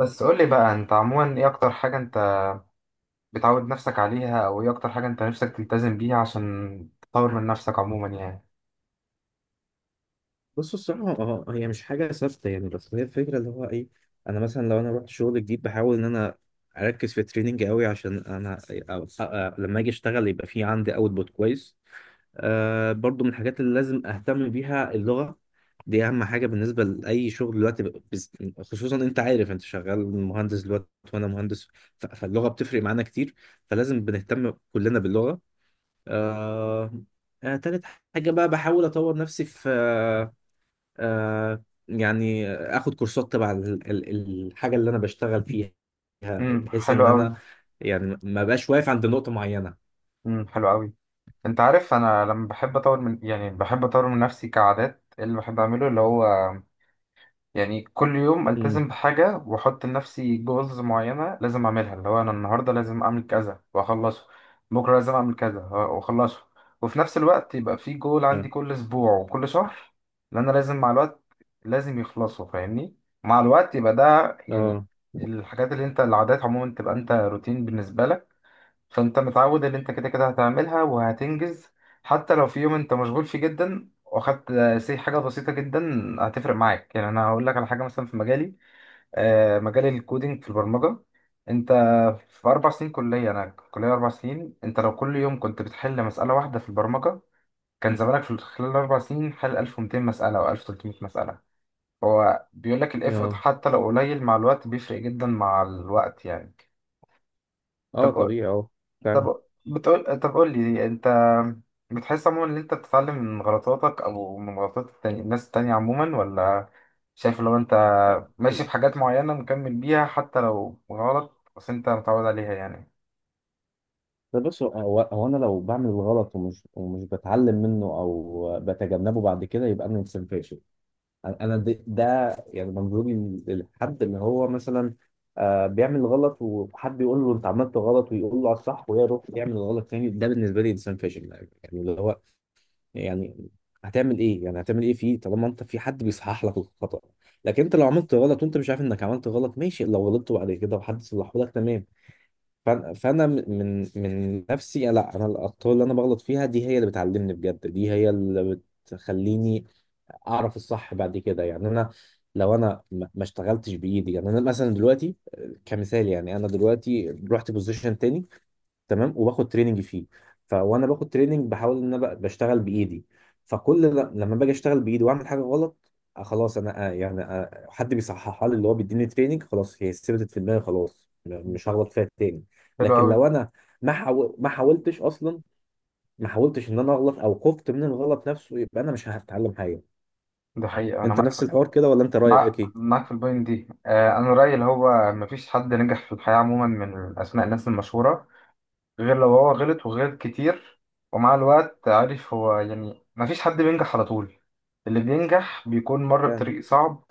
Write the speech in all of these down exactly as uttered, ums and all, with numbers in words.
بس قول لي بقى، انت عموما ايه اكتر حاجة انت بتعود نفسك عليها، او ايه اكتر حاجة انت نفسك تلتزم بيها عشان تطور من نفسك عموما يعني؟ بص الصراحة، اه هي مش حاجة ثابتة، يعني بس هي الفكرة اللي هو ايه. انا مثلا لو انا رحت شغل جديد بحاول ان انا اركز في التريننج قوي، عشان انا أ- أ- لما اجي اشتغل يبقى في عندي اوتبوت كويس. آه برضو من الحاجات اللي لازم اهتم بيها اللغة. دي اهم حاجة بالنسبة لاي شغل دلوقتي ب- بز- خصوصا انت عارف انت شغال مهندس دلوقتي وانا مهندس. ف- فاللغة بتفرق معانا كتير، فلازم بنهتم كلنا باللغة. آه آه، تالت حاجة بقى بحاول أطور نفسي في، آه يعني اخد كورسات تبع ال- ال- الحاجه اللي انا بشتغل فيها، امم بحيث حلو ان قوي. انا يعني ما بقاش واقف عند نقطه معينه. امم حلو قوي. انت عارف انا لما بحب اطور من، يعني بحب اطور من نفسي كعادات، إيه اللي بحب اعمله؟ اللي هو يعني كل يوم امم، التزم بحاجه واحط لنفسي جولز معينه لازم اعملها، اللي هو انا النهارده لازم اعمل كذا واخلصه، بكره لازم اعمل كذا واخلصه، وفي نفس الوقت يبقى في جول اه عندي كل اسبوع وكل شهر، اللي انا لازم مع الوقت لازم يخلصوا، فاهمني؟ مع الوقت يبقى ده يعني اه الحاجات اللي انت العادات عموما تبقى انت روتين بالنسبه لك، فانت متعود ان انت كده كده هتعملها وهتنجز. حتى لو في يوم انت مشغول فيه جدا واخدت سي حاجه بسيطه جدا، هتفرق معاك. يعني انا هقول لك على حاجه مثلا في مجالي، آه، مجال الكودينج في البرمجه، انت في اربع سنين كليه، انا كليه اربع سنين، انت لو كل يوم كنت بتحل مساله واحده في البرمجه، كان زمانك في خلال الاربع سنين حل ألف ومئتين مساله او ألف وثلاثمية مساله. هو بيقول لك الافرط اه، حتى لو قليل مع الوقت بيفرق جدا مع الوقت يعني. آه، طب طبيعي اه، فعلا. طب بتقول طب قول لي انت، بتحس عموما ان انت بتتعلم من غلطاتك او من غلطات التاني... الناس التانية عموما، ولا شايف لو انت ماشي بحاجات معينة مكمل بيها حتى لو غلط بس انت متعود عليها يعني؟ ده بص، هو هو انا لو بعمل الغلط ومش ومش بتعلم منه او بتجنبه بعد كده يبقى انا انسان فاشل. انا د- ده يعني منظوري، للحد اللي هو مثلا آه، بيعمل غلط وحد يقول له انت عملت غلط ويقول له على الصح ويروح يعمل غلط تاني. ده بالنسبه لي انسان فاشل. يعني اللي هو، يعني هتعمل ايه، يعني هتعمل ايه فيه طالما انت في حد بيصحح لك الخطأ؟ لكن انت لو عملت غلط وانت مش عارف انك عملت غلط ماشي، لو غلطت بعد كده وحد صلحه لك تمام. فأنا فأنا من من نفسي لا، انا الاخطاء اللي انا بغلط فيها دي هي اللي بتعلمني بجد، دي هي اللي بتخليني اعرف الصح بعد كده. يعني انا لو انا ما ما اشتغلتش بايدي، يعني انا مثلا دلوقتي آه، كمثال، يعني انا دلوقتي رحت بوزيشن تاني تمام وباخد تريننج فيه. فوانا باخد تريننج بحاول ان انا ب- بشتغل بايدي، فكل ل- لما باجي اشتغل بايدي واعمل حاجه غلط، آه، خلاص انا، آه، يعني آه، حد بيصححها لي، اللي هو بيديني تريننج، خلاص هي ثبتت في دماغي، خلاص م- مش هغلط فيها تاني. حلو لكن قوي. لو انا ما حاول ما حاولتش اصلا، ما حاولتش ان انا اغلط او خفت من الغلط نفسه، يبقى انا مش هتعلم حاجه. ده حقيقة انا انت معاك نفس في... الحوار كده ولا انت مع... رايك ايه؟ معاك في البوينت دي. آه، انا رأيي اللي هو مفيش حد نجح في الحياة عموما من اسماء الناس المشهورة غير لو هو غلط وغلط كتير. ومع الوقت عارف، هو يعني مفيش حد بينجح على طول، اللي بينجح بيكون مر فعلا، بطريق صعب.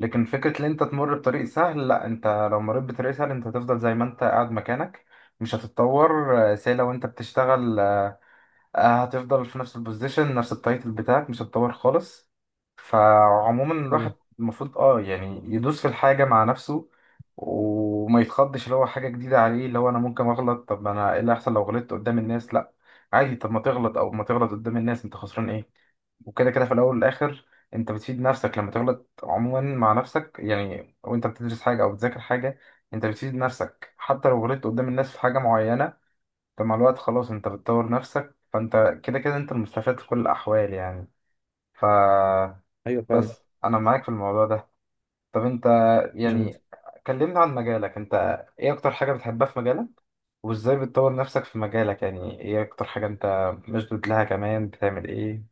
لكن فكرة ان انت تمر بطريق سهل، لا، انت لو مريت بطريق سهل انت هتفضل زي ما انت قاعد مكانك، مش هتتطور. آه، سي لو انت بتشتغل آه، آه، هتفضل في نفس البوزيشن، نفس التايتل بتاعك، مش هتطور خالص. فعموما مم، الواحد المفروض اه يعني يدوس في الحاجة مع نفسه، وما يتخضش اللي هو حاجة جديدة عليه، اللي هو انا ممكن اغلط. طب انا ايه اللي هيحصل لو غلطت قدام الناس؟ لا عادي. طب ما تغلط او ما تغلط قدام الناس، انت خسران ايه؟ وكده كده في الاول والاخر انت بتفيد نفسك لما تغلط عموما مع نفسك، يعني وانت بتدرس حاجة او بتذاكر حاجة انت بتفيد نفسك. حتى لو غلطت قدام الناس في حاجة معينة، انت مع الوقت خلاص انت بتطور نفسك، فانت كده كده انت المستفاد في كل الاحوال يعني. ف ايوه فعلا. بس انا معاك في الموضوع ده. طب انت يعني يعني، كلمنا عن مجالك انت، ايه اكتر حاجة بتحبها في مجالك؟ وازاي بتطور نفسك في مجالك؟ يعني ايه اكتر حاجة انت مشدود لها؟ كمان بتعمل ايه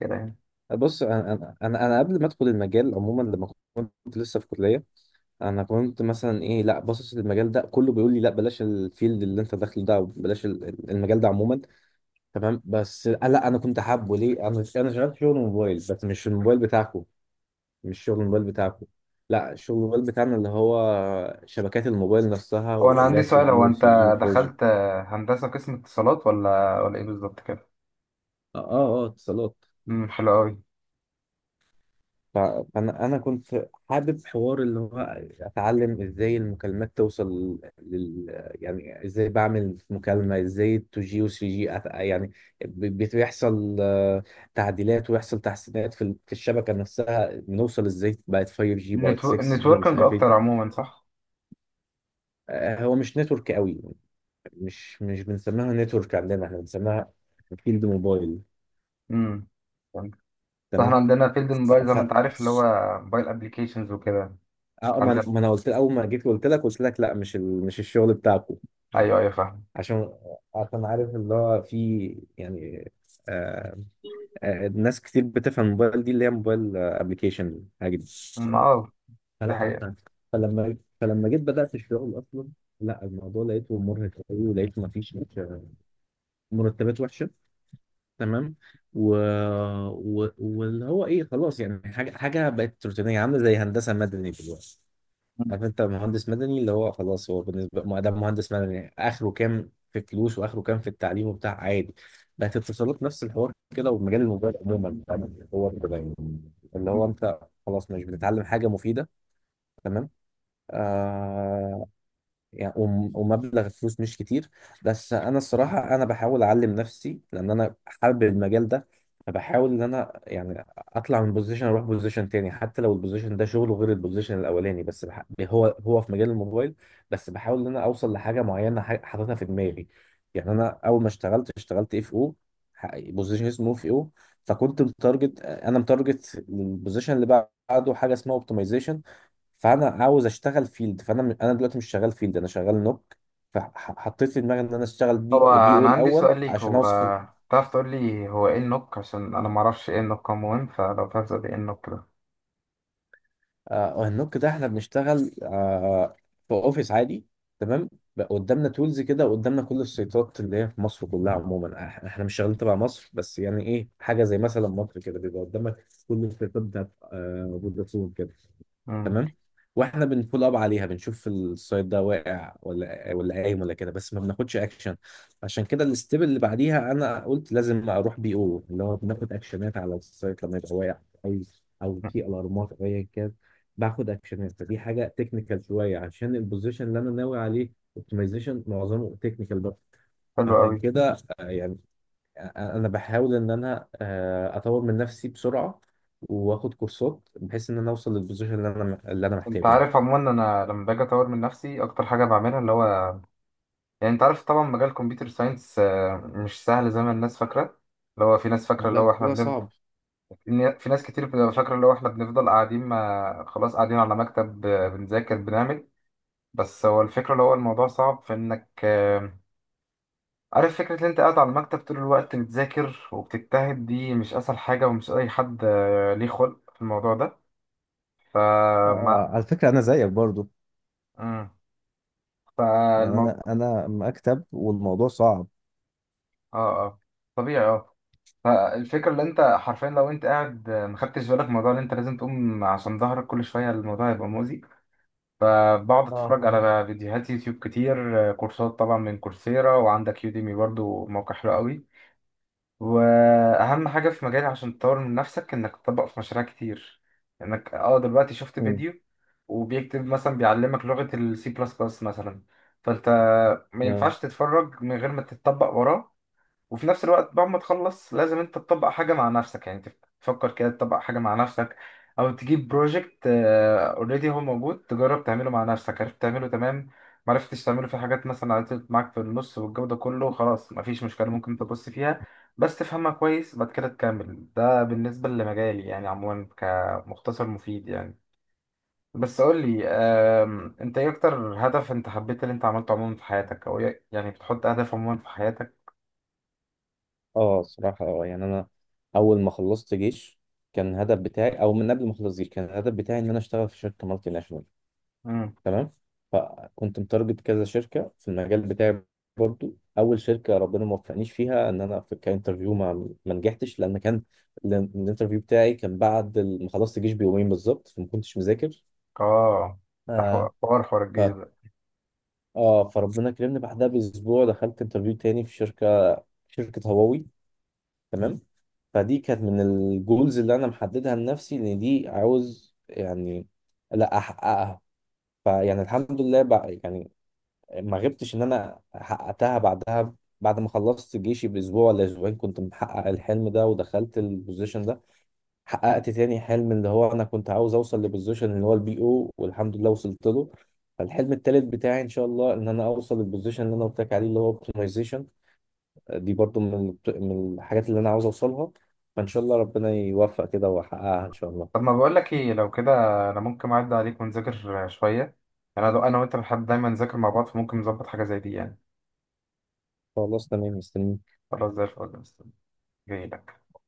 كده يعني؟ بص، انا انا انا أنا قبل ما ادخل المجال عموما، لما كنت لسه في كليه انا كنت مثلا ايه، لا، باصص للمجال ده كله بيقول لي لا بلاش الفيلد اللي انت داخله ده، بلاش المجال ده عموما. تمام، بس أنا- لا انا كنت حابه ليه؟ انا انا شغال شغل موبايل، بس مش الموبايل بتاعكم، مش شغل الموبايل بتاعكم. لا، شغل الموبايل بتاعنا اللي هو شبكات الموبايل نفسها هو انا واللي عندي هي سؤال، تو جي هو و انت ثري جي و فور جي. دخلت هندسة قسم اتصالات ولا ولا ايه بالظبط كده؟ اه اه آه، اتصالات. امم حلو قوي. ف- فانا انا كنت حابب حوار اللي هو اتعلم ازاي المكالمات توصل لل، يعني ازاي بعمل مكالمه، ازاي اتنين جي و تلاتة جي أت- يعني ب- بت- بيحصل آه، تعديلات ويحصل تحسينات في ال- في الشبكه نفسها، بنوصل ازاي بقت خمسة جي بقت نتو... ستة جي مش نتوركنج عارف ايه اكتر كده. عموما، صح؟ آه، هو مش نتورك قوي، مش مش بنسميها نتورك عندنا، احنا بنسميها فيلد موبايل. امم فاحنا تمام. عندنا فيلد ف... الموبايل زي ما انت عارف، اللي ف... هو موبايل ابلكيشنز وكده اه، ما عندنا. ما انا قلت اول ما جيت، قلت لك قلت لك لا مش ال... مش الشغل بتاعكم، ايوه، ايوه، فاهم. عشان عشان عارف اللي هو في يعني آه آه ناس كتير بتفهم الموبايل دي اللي هي موبايل ابلكيشن حاجه دي. أمم، اه، دي فلا حقيقة. ف- فلما فلما جيت بدات الشغل اصلا، لا، الموضوع لقيته مرهق قوي ولقيته ما فيش آه، مرتبات وحشه تمام. و... و... واللي هو ايه، خلاص يعني حاجه حاجه بقت روتينيه، عامله زي هندسه مدني دلوقتي. مم. عارف انت مهندس مدني اللي هو خلاص هو بالنسبه ما ده مهندس مدني اخره كام في فلوس واخره كام في التعليم وبتاع عادي. بقت اتصالات نفس الحوار كده، ومجال الموبايل عموما، فاهم؟ هو كده يعني اللي هو انت خلاص مش بتتعلم حاجه مفيده. تمام. آه يعني وم- ومبلغ الفلوس مش كتير. بس انا الصراحه انا بحاول اعلم نفسي لان انا حابب المجال ده. فبحاول ان انا يعني اطلع من بوزيشن اروح بوزيشن تاني، حتى لو البوزيشن ده شغله غير البوزيشن الاولاني، بس بح... هو هو في مجال الموبايل، بس بحاول ان انا اوصل لحاجه معينه ح- حاططها في دماغي. يعني انا اول ما اشتغلت، اشتغلت اف او، بوزيشن اسمه اف او. فكنت متارجت، انا متارجت البوزيشن اللي بعده حاجه اسمها اوبتمايزيشن. فانا عاوز اشتغل فيلد، فانا م- انا دلوقتي مش شغال فيلد، انا شغال نوك. فحطيت في دماغي ان انا اشتغل هو بي, بي او انا عندي الاول سؤال ليك، عشان هو اوصل. تعرف تقول لي هو ايه النوك؟ عشان انا ما اعرفش ايه النوك عموما، فلو تعرف تقول لي ايه النوك ده. آه النوك ده احنا بنشتغل آه في اوفيس عادي. تمام. بقى قدامنا تولز كده، وقدامنا كل السيطات اللي هي في مصر كلها عموما، إح- احنا مش شغالين تبع مصر بس، يعني ايه حاجه زي مثلا مصر كده بيبقى قدامك كل السيطات بتاعت آه فودافون كده. أمم، تمام. واحنا بنفول اب عليها بنشوف السايت ده واقع ولا ولا قايم ولا كده، بس ما بناخدش اكشن. عشان كده الستيب اللي بعديها انا قلت لازم اروح بي او، اللي هو بناخد اكشنات على السايت لما يبقى واقع، او او في الارمات او ايا كان، باخد اكشنات. فدي حاجه تكنيكال شويه، عشان البوزيشن اللي انا ناوي عليه اوبتمايزيشن معظمه تكنيكال بقى. حلو فعشان قوي. كده آه، يعني انا بحاول ان انا آه، اطور من نفسي بسرعه، واخد كورسات بحيث ان انا اوصل للبوزيشن اللي انا اللي انا انت محتاجه. عارف عموما انا لما باجي اطور من نفسي اكتر حاجه بعملها اللي هو، يعني انت عارف طبعا مجال كمبيوتر ساينس مش سهل زي ما الناس فاكره. اللي هو في ناس فاكره اللي ده هو احنا، ده صعب. إن في ناس كتير بتبقى فاكرة اللي هو إحنا بنفضل قاعدين ما خلاص قاعدين على مكتب آه، بنذاكر بنعمل. بس هو الفكرة اللي هو الموضوع صعب في إنك، آه، عارف فكرة إن أنت قاعد على المكتب طول الوقت بتذاكر وبتجتهد، دي مش أسهل حاجة، ومش أي حد آه، ليه خلق في الموضوع ده. فما آه، على فكرة أنا زيك برضو، مم. يعني فالمو... أنا أنا مكتب والموضوع صعب. آه، آه، طبيعي آه فالفكرة اللي أنت حرفيا لو أنت قاعد آه، ما خدتش بالك من الموضوع، اللي أنت لازم تقوم عشان ظهرك كل شوية، الموضوع هيبقى مؤذي. فبقعد اه اتفرج فعلا، على فيديوهات يوتيوب كتير، آه، كورسات طبعا من كورسيرا، وعندك يوديمي برضو موقع حلو قوي. واهم حاجه في مجالي عشان تطور من نفسك انك تطبق في مشاريع كتير، انك اه دلوقتي شفت مم، فيديو وبيكتب مثلا بيعلمك لغه السي بلس بلس مثلا، فانت ما يا. ينفعش تتفرج من غير ما تتطبق وراه. وفي نفس الوقت بعد ما تخلص لازم انت تطبق حاجة مع نفسك، يعني تف- تفكر كده تطبق حاجة مع نفسك، او تجيب بروجكت اوريدي هو موجود تجرب تعمله مع نفسك. عرفت تعمله، تمام. معرفتش تعمله، في حاجات مثلا عطلت معاك في النص والجو ده كله، خلاص مفيش مشكلة، ممكن تبص فيها بس تفهمها كويس بعد كده تكمل. ده بالنسبة لمجالي يعني، عموما كمختصر مفيد يعني. بس قول لي، آم، انت ايه اكتر هدف انت حبيت اللي انت عملته عموما في حياتك، او ايه- يعني بتحط هدف عموما في حياتك؟ اه صراحه، اه يعني انا اول ما خلصت جيش كان الهدف بتاعي، او من قبل ما اخلص جيش كان الهدف بتاعي ان انا اشتغل في شركه مالتي ناشونال. تمام. فكنت متارجت كذا شركه في المجال بتاعي. برضو اول شركه ربنا ما وفقنيش فيها، ان انا في كانترفيو ما ما نجحتش، لان كان، لأن الانترفيو بتاعي كان بعد ال- ما خلصت الجيش بيومين بالظبط، فما كنتش مذاكر. اه. ده حو- آه حوار حوار ف الجيش ده. اه فربنا كرمني بعدها باسبوع، دخلت انترفيو تاني في شركه، شركه هواوي. تمام. فدي كانت من الجولز اللي انا محددها لنفسي ان دي عاوز يعني لا احققها. فيعني الحمد لله بقى يعني، ما غبتش ان انا حققتها بعدها. بعد ما خلصت جيشي باسبوع ولا اسبوعين كنت محقق الحلم ده ودخلت البوزيشن ده. حققت تاني حلم اللي هو انا كنت عاوز اوصل لبوزيشن اللي هو البي او، والحمد لله وصلت له. فالحلم التالت بتاعي ان شاء الله ان انا اوصل للبوزيشن اللي انا قلت لك عليه اللي هو اوبتمايزيشن. دي برضو من البت- من الحاجات اللي انا عاوز اوصلها. فان شاء الله ربنا يوفق كده واحققها ان شاء الله. طب ما بقول لك ايه لو كده، انا ممكن اعدي عليك ونذاكر شويه، يعني انا انا وانت بنحب دايما نذاكر مع بعض، فممكن نظبط حاجه زي دي يعني. خلاص تمام، مستني. خلاص زي الفل. جاي لك.